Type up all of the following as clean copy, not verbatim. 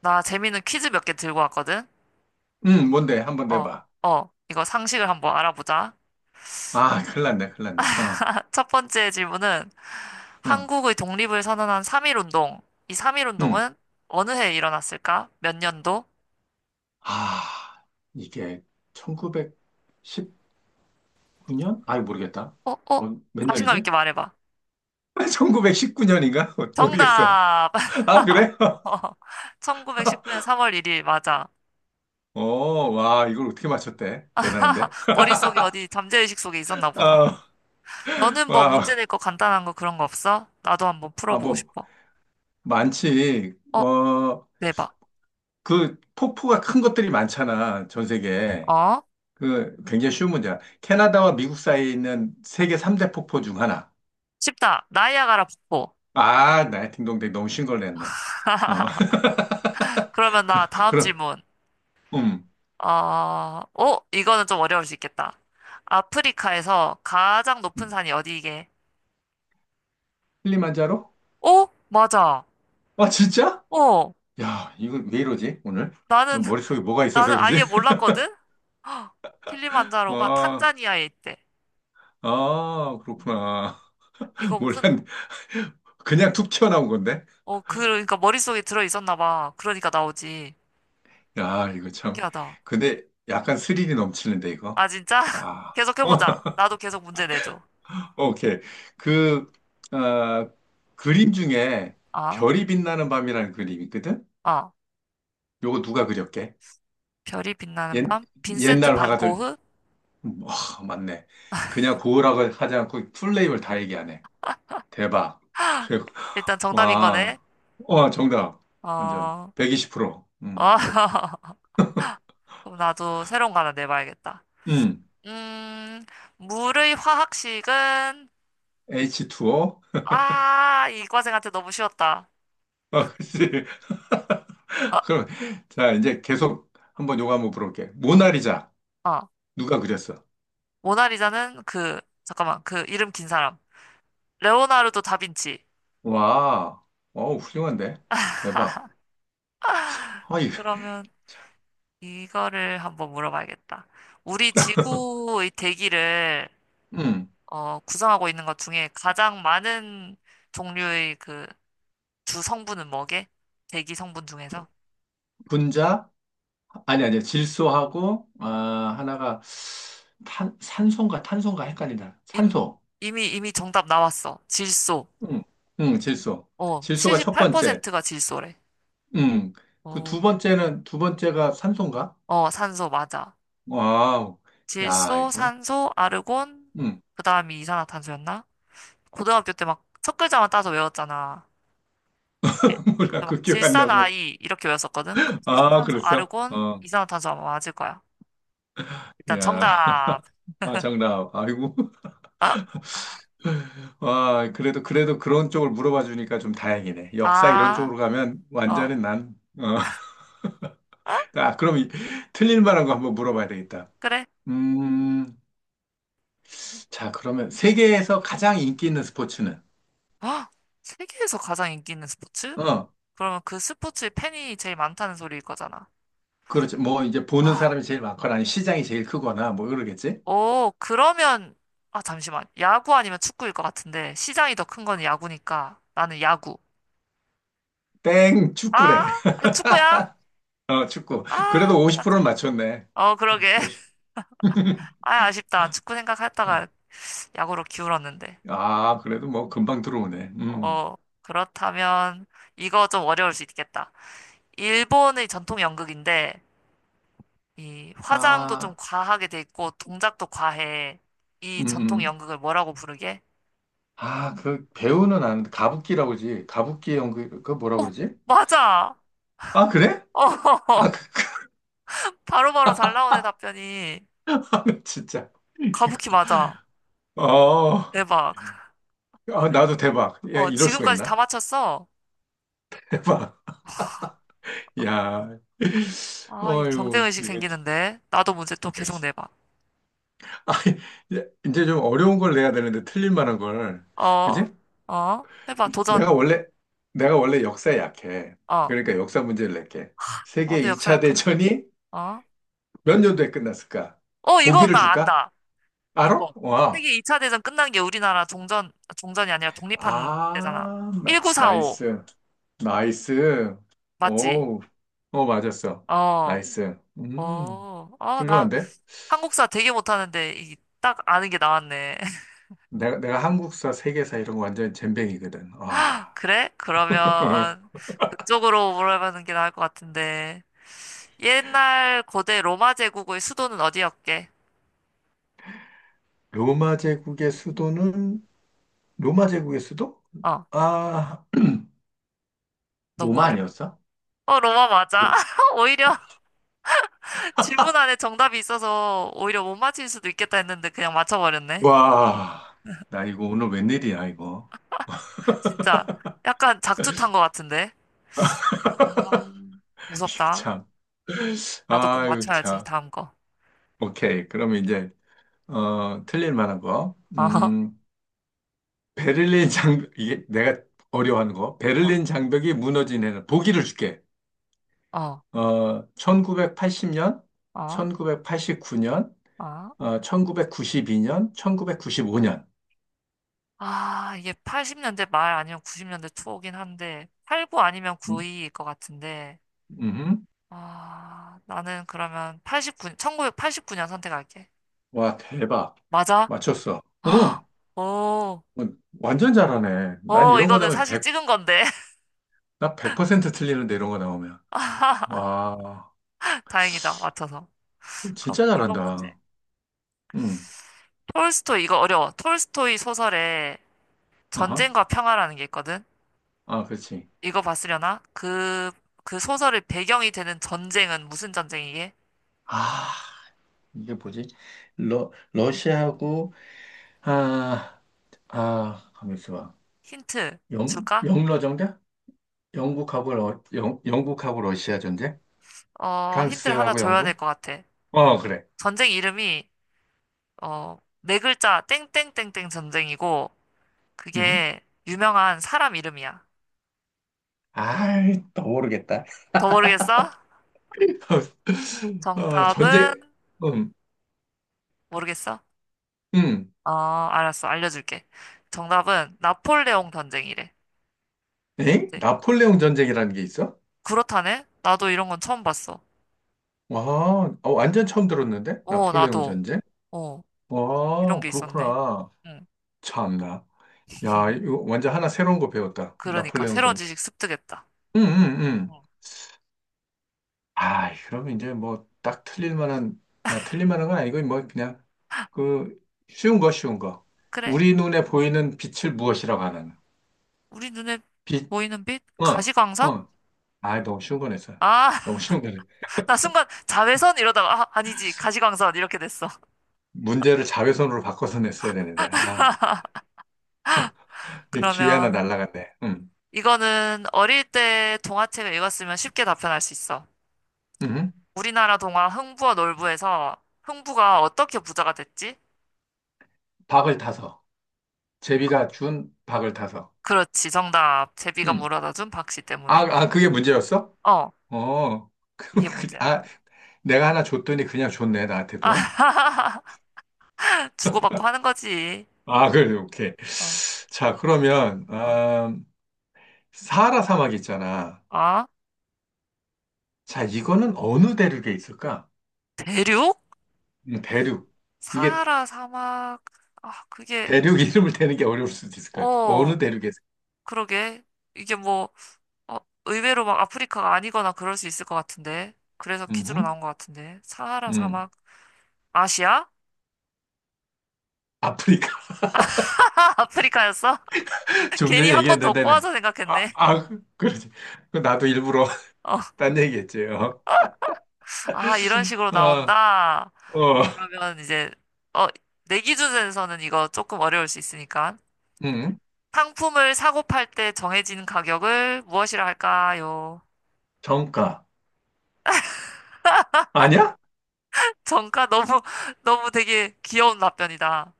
나 재밌는 퀴즈 몇 개 들고 왔거든? 뭔데? 한번 어, 내봐. 이거 상식을 한번 알아보자. 아, 큰일 어. 났네, 큰일 났네. 어, 첫 번째 질문은 어, 한국의 독립을 선언한 3.1운동. 이 음. 3.1운동은 어느 해에 일어났을까? 몇 년도? 아, 이게 1919년? 아이, 모르겠다. 어, 어? 어, 몇 자신감 년이지? 있게 말해봐. 1919년인가? 모르겠어. 정답! 아, 그래? 1919년 3월 1일, 맞아. 어, 와, 이걸 어떻게 맞췄대? 대단한데? 머릿속에 어디 잠재의식 속에 있었나 보다. 아, 너는 뭐 문제 와, 낼 거 간단한 거 그런 거 없어? 나도 한번 아, 풀어보고 뭐, 싶어. 많지. 어, 어, 내봐. 폭포가 큰 것들이 많잖아, 전 세계에. 어? 굉장히 쉬운 문제야. 캐나다와 미국 사이에 있는 세계 3대 폭포 중 하나. 쉽다. 나이아가라 폭포. 아, 나의 딩동댕. 너무 쉬운 걸 냈네. 어. 그러면 그, 나 다음 그럼, 질문. 음, 어, 이거는 좀 어려울 수 있겠다. 아프리카에서 가장 높은 음. 산이 어디이게? 킬리만자로? 어? 맞아. 아, 진짜? 어. 야, 이건 왜 이러지, 오늘? 너 나는, 머릿속에 뭐가 있어서 나는 그러지? 아예 몰랐거든? 헉, 킬리만자로가 아, 탄자니아에 있대. 아, 음. 그렇구나. 이거 무슨, 몰랐네. 그냥 툭 튀어나온 건데? 그러니까 머릿속에 들어 있었나 봐. 그러니까 나오지. 야, 이거 참. 신기하다. 근데 약간 스릴이 넘치는데, 이거? 아, 진짜? 와. 계속해보자. 나도 계속 문제 내줘. 오케이. 그, 아, 그림 중에 아, 별이 빛나는 밤이라는 그림이 있거든? 아. 요거 누가 그렸게? 별이 빛나는 옛, 밤? 빈센트 옛날 반 화가들, 고흐? 와, 맞네. 그냥 고흐라고 하지 않고 풀네임을 다 얘기하네. 대박. 최고. 일단 정답인 거네. 와, 와, 정답. 완전 어. 120%. 아, 그럼 나도 새로운 거 하나 내봐야겠다. 음, 음, 물의 화학식은, H2O. 아, 이과생한테 너무 쉬웠다. 아, 그치. 아, 그럼, 자, 이제 계속 한번 요거 한번 물어볼게. 어 모나리자. 어 누가 그렸어? 모나리자는 그, 잠깐만, 그 이름 긴 사람. 레오나르도 다빈치. 와, 어, 훌륭한데? 대박. 아, 이, 그러면 이거를 한번 물어봐야겠다. 우리 지구의 대기를, 음, 구성하고 있는 것 중에 가장 많은 종류의 그 주 성분은 뭐게? 대기 성분 중에서? 분자? 아니, 아니, 질소하고, 아, 하나가 탄, 산소인가 탄소인가 헷갈린다. 이미, 산소. 이미 정답 나왔어. 질소. 응, 응, 질소. 질소가 첫 번째. 78%가 질소래. 응. 그 어, 두 번째가 산소인가? 어, 산소, 맞아. 와우. 야, 질소, 이거. 산소, 아르곤, 응. 그 다음이 이산화탄소였나? 고등학교 때 막 첫 글자만 따서 외웠잖아. 예, 몰라, 그때 막 그 기억 안 나고. 질산아이, 이렇게 외웠었거든? 그 질소, 아, 산소, 그랬어? 아르곤, 어. 이산화탄소 아마 맞을 거야. 일단 야, 정답. 아, 정답. 아이고. 아, 와, 그래도, 그래도 그런 쪽을 물어봐 주니까 좀 다행이네. 역사 이런 아, 쪽으로 가면 어, 완전히 난, 어. 아, 아, 그럼 이- 틀릴 만한 거 한번 물어봐야 되겠다. 그래. 음, 자, 그러면 세계에서 가장 인기 있는 스포츠는? 아, 세계에서 가장 인기 있는 스포츠? 어, 그러면 그 스포츠의 팬이 제일 많다는 소리일 거잖아. 그렇지. 뭐, 이제 보는 아. 사람이 제일 많거나, 아니면 시장이 제일 크거나, 뭐, 그러겠지? 오, 그러면, 아, 잠시만. 야구 아니면 축구일 것 같은데, 시장이 더 큰 건 야구니까, 나는 야구. 땡, 아, 축구래. 나 축구야? 어, 축구. 아, 그래도 나 50%는 틀렸네. 맞췄네. 어, 어, 그러게. 50. 아, 아쉽다. 축구 생각했다가 어. 야구로 기울었는데. 아, 그래도 뭐, 금방 들어오네. 음. 어, 그렇다면, 이거 좀 어려울 수 있겠다. 일본의 전통 연극인데, 이 화장도 좀 아, 과하게 돼 있고, 동작도 과해. 이 음, 전통 음. 연극을 뭐라고 부르게? 아, 그, 배우는 아는데, 가부키라고지. 가부키 연극, 그 뭐라 어, 그러지? 맞아! 아, 그래? 아, 어, 그, 바로바로 잘 나오네, 답변이. 진짜. 이거. 가부키 맞아. 어, 대박. 아, 나도 대박. 야, 이럴 수가 지금까지 다 있나? 맞췄어? 봐. 야, 아, 이 어유, 경쟁의식 이거, 생기는데. 나도 문제 또 이거 계속 진- 내봐. 아, 이제 좀 어려운 걸 내야 되는데 틀릴 만한 걸, 어, 그지? 어, 해봐, 도전. 내가 원래 내가 원래 역사에 약해. 어, 그러니까 역사 문제를 낼게. 세계 나도 역사 2차 약한 거. 대전이 어, 몇 년도에 끝났을까? 어, 이거 보기를 나 줄까? 안다. 알아? 이거. 와, 세계 2차 대전 끝난 게 우리나라 종전, 종전이 아니라 독립한 때잖아. 아, 나, 1945. 나이스, 나이스. 맞지? 오, 어 맞았어. 어, 나이스. 아, 나 훌륭한데? 한국사 되게 못하는데, 이, 딱 아는 게 나왔네. 내가 한국사, 세계사 이런 거 완전 젬병이거든. 와. 그래? 그러면 그쪽으로 물어보는 게 나을 것 같은데. 옛날 고대 로마 제국의 수도는 어디였게? 로마 제국의 수도는, 어, 로마 제국의 수도? 어, 아, 너무 로마 어렵. 아니었어? 어, 로마 맞아. 로- 오히려 질문 안에 정답이 있어서 오히려 못 맞힐 수도 있겠다 했는데 그냥 맞춰버렸네. 와. 나 이거 오늘 웬일이야, 이거. 진짜 약간 작두탄 것 같은데. 아, 이거 무섭다. 참. 나도 꼭 아, 이거 맞춰야지, 참. 다음 거. 오케이. 그러면 이제, 어, 틀릴 만한 거. 어허. 베를린 장벽, 이게 내가 어려워하는 거. 어, 베를린 장벽이 무너진 해는. 보기를 줄게. 어, 어, 1980년, 어, 1989년, 어. 어, 1992년, 1995년. 아, 이게 80년대 말 아니면 90년대 초긴 한데, 89 아니면 음, 92일 것 같은데, 음. 아, 나는 그러면 89, 1989년 선택할게. 와, 대박. 맞아? 맞췄어. 아, 응. 오, 어, 완전 잘하네. 난 오, 이런 거 이거는 나오면 사실 100 찍은 건데. 퍼센트 틀리는데 이런 거 나오면. 와, 다행이다, 맞춰서. 그럼 진짜 이번 문제. 잘한다. 응. 톨스토이, 이거 어려워. 톨스토이 소설에 아하. 전쟁과 평화라는 게 있거든? 아, 그렇지. 이거 봤으려나? 그 소설의 배경이 되는 전쟁은 무슨 전쟁이게? 아, 이게 뭐지? 러시아하고, 아, 아, 가만 있어봐. 힌트 영, 줄까? 영러 정대? 영국하고 러시아 전쟁? 힌트를 하나 프랑스하고 줘야 될 영국? 것 같아. 어, 그래. 전쟁 이름이, 네 글자, 땡땡땡땡 전쟁이고, 응. 그게 유명한 사람 이름이야. 아이, 또 모르겠다. 더 모르겠어? 어, 정답은, 전쟁, 음, 모르겠어? 음, 어, 알았어. 알려줄게. 정답은 나폴레옹 전쟁이래. 엥? 그때. 나폴레옹 전쟁이라는 게 있어? 그렇다네? 나도 이런 건 처음 봤어. 와, 어, 완전 처음 들었는데? 어, 나폴레옹 나도. 전쟁? 어, 이런 와, 게 있었네. 그렇구나. 응. 참나. 야, 이거 완전 하나 새로운 거 배웠다. 그러니까, 나폴레옹 새로운 전쟁. 지식 습득했다. 응응응. 응. 아, 그러면 이제 뭐 딱 틀릴 만한, 아, 틀릴 만한 건 아니고, 뭐 그냥 그 쉬운 거. 그래. 우리 눈에 보이는 빛을 무엇이라고 하느냐. 우리 눈에 빛, 보이는 빛? 어, 가시광선? 어. 아, 너무 쉬운 거 냈어요. 아! 너무 쉬운 거 냈어요. 나 순간 자외선 이러다가 아, 아니지 가시광선 이렇게 됐어. 문제를 자외선으로 바꿔서 냈어야 되는데. 아, 이 기회 그러면 하나 날라갔네. 음. 이거는 어릴 때 동화책을 읽었으면 쉽게 답변할 수 있어. 음. 우리나라 동화 흥부와 놀부에서 흥부가 어떻게 부자가 됐지? 박을 타서. 제비가 준 박을 타서. 그렇지, 정답. 제비가 음. 물어다 준 박씨 아, 때문에. 아, 그게 문제였어? 어. 어. 그, 이게 그, 문제야. 아, 내가 하나 줬더니 그냥 줬네, 나한테도. 아, 주고받고 하는 거지. 아, 그래, 오케이. 어, 자, 그러면, 어, 사하라 사막 있잖아. 어? 자, 이거는 어느 대륙에 있을까? 대륙? 대륙. 이게 사하라 사막. 아, 그게, 대륙 이름을 대는 게 어려울 수도 있을 것 같아. 어 어느 대륙에. 그러게, 이게 뭐. 어, 의외로 막 아프리카가 아니거나 그럴 수 있을 것 같은데. 그래서 퀴즈로 음, 나온 것 같은데. 사하라 음. 사막, 아시아? 아프리카. 아프리카였어? 좀 괜히 전에 한 번 더 얘기했는데, 네. 꼬아서 아, 생각했네. 그러지. 그 나도 일부러 어, 딴 얘기했지. 어, 아, 이런 식으로 어, 나온다. 어. 그러면 이제, 어, 내 기준에서는 이거 조금 어려울 수 있으니까. 음, 상품을 사고 팔 때 정해진 가격을 무엇이라 할까요? 정가. 아니야? 정가 너무, 너무 되게 귀여운 답변이다.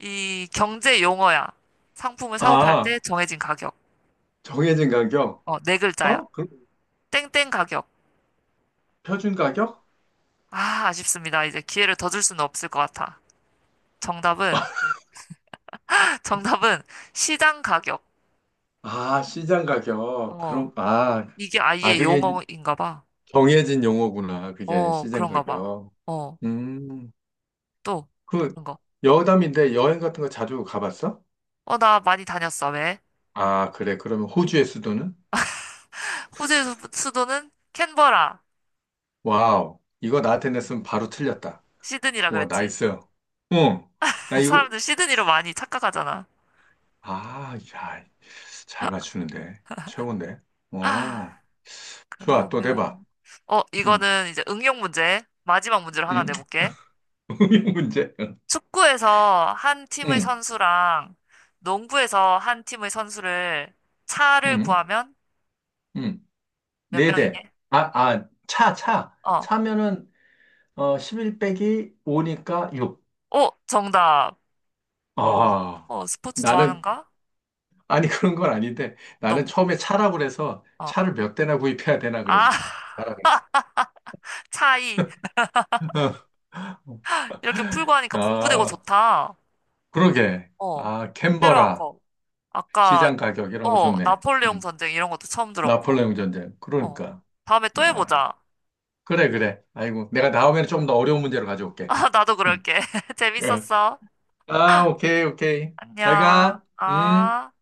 이 경제 용어야. 상품을 사고 팔 때 아, 정해진 가격. 정해진 가격. 네 글자야. 어? 그, 땡땡 가격. 표준 가격? 아, 아쉽습니다. 이제 기회를 더 줄 수는 없을 것 같아. 정답은, 정답은 시장 가격. 아, 시장 가격. 어, 그럼, 아, 이게 아, 아예 그게 이제 용어인가 봐. 정해진 용어구나. 그게 어, 시장 그런가 봐. 가격. 어, 음, 또, 그, 그런 거. 여담인데 여행 같은 거 자주 가봤어? 어, 나 많이 다녔어. 왜? 아, 그래. 그러면 호주의 수도는? 호주의 수도는 캔버라. 와우. 이거 나한테 냈으면 바로 틀렸다. 시드니라 와, 그랬지. 나이스. 응. 나 이거, 사람들 시드니로 많이 착각하잖아. 아, 야, 잘 맞추는데. 최고인데. 아, 어, 좋아. 또 내봐. 그러면, 응, 이거는 이제 응용 문제. 마지막 문제를 하나 응. 내볼게. 문제. 축구에서 한 팀의 응, 선수랑 농구에서 한 팀의 선수를 차를 응, 구하면 응. 몇 네 대. 명이게? 아, 차, 차. 어. 차면은, 어, 11 빼기 5니까 6. 오, 정답. 어, 아, 어, 스포츠 나는, 좋아하는가? 아니, 그런 건 아닌데. 나는 너무, 처음에 차라고 그래서 어. 차를 몇 대나 구입해야 되나 아, 그래서. 차라 그랬어. 차이. 이렇게 풀고 하니까 공부되고 아. 좋다. 그러게. 어. 아, 새로 한 캔버라. 거. 아까, 시장 가격 이런 거 좋네. 나폴레옹 음. 전쟁 이런 것도 처음 들었고. 나폴레옹 전쟁. 어. 그러니까. 다음에 또 야. 해보자. 그래, 그래. 아이고. 내가 다음에는 좀 더 어려운 문제로 가져올게. 아, 나도 음. 그럴게. 예. 재밌었어. 아, 오케이, 오케이. 잘 안녕. 가. 음. 아.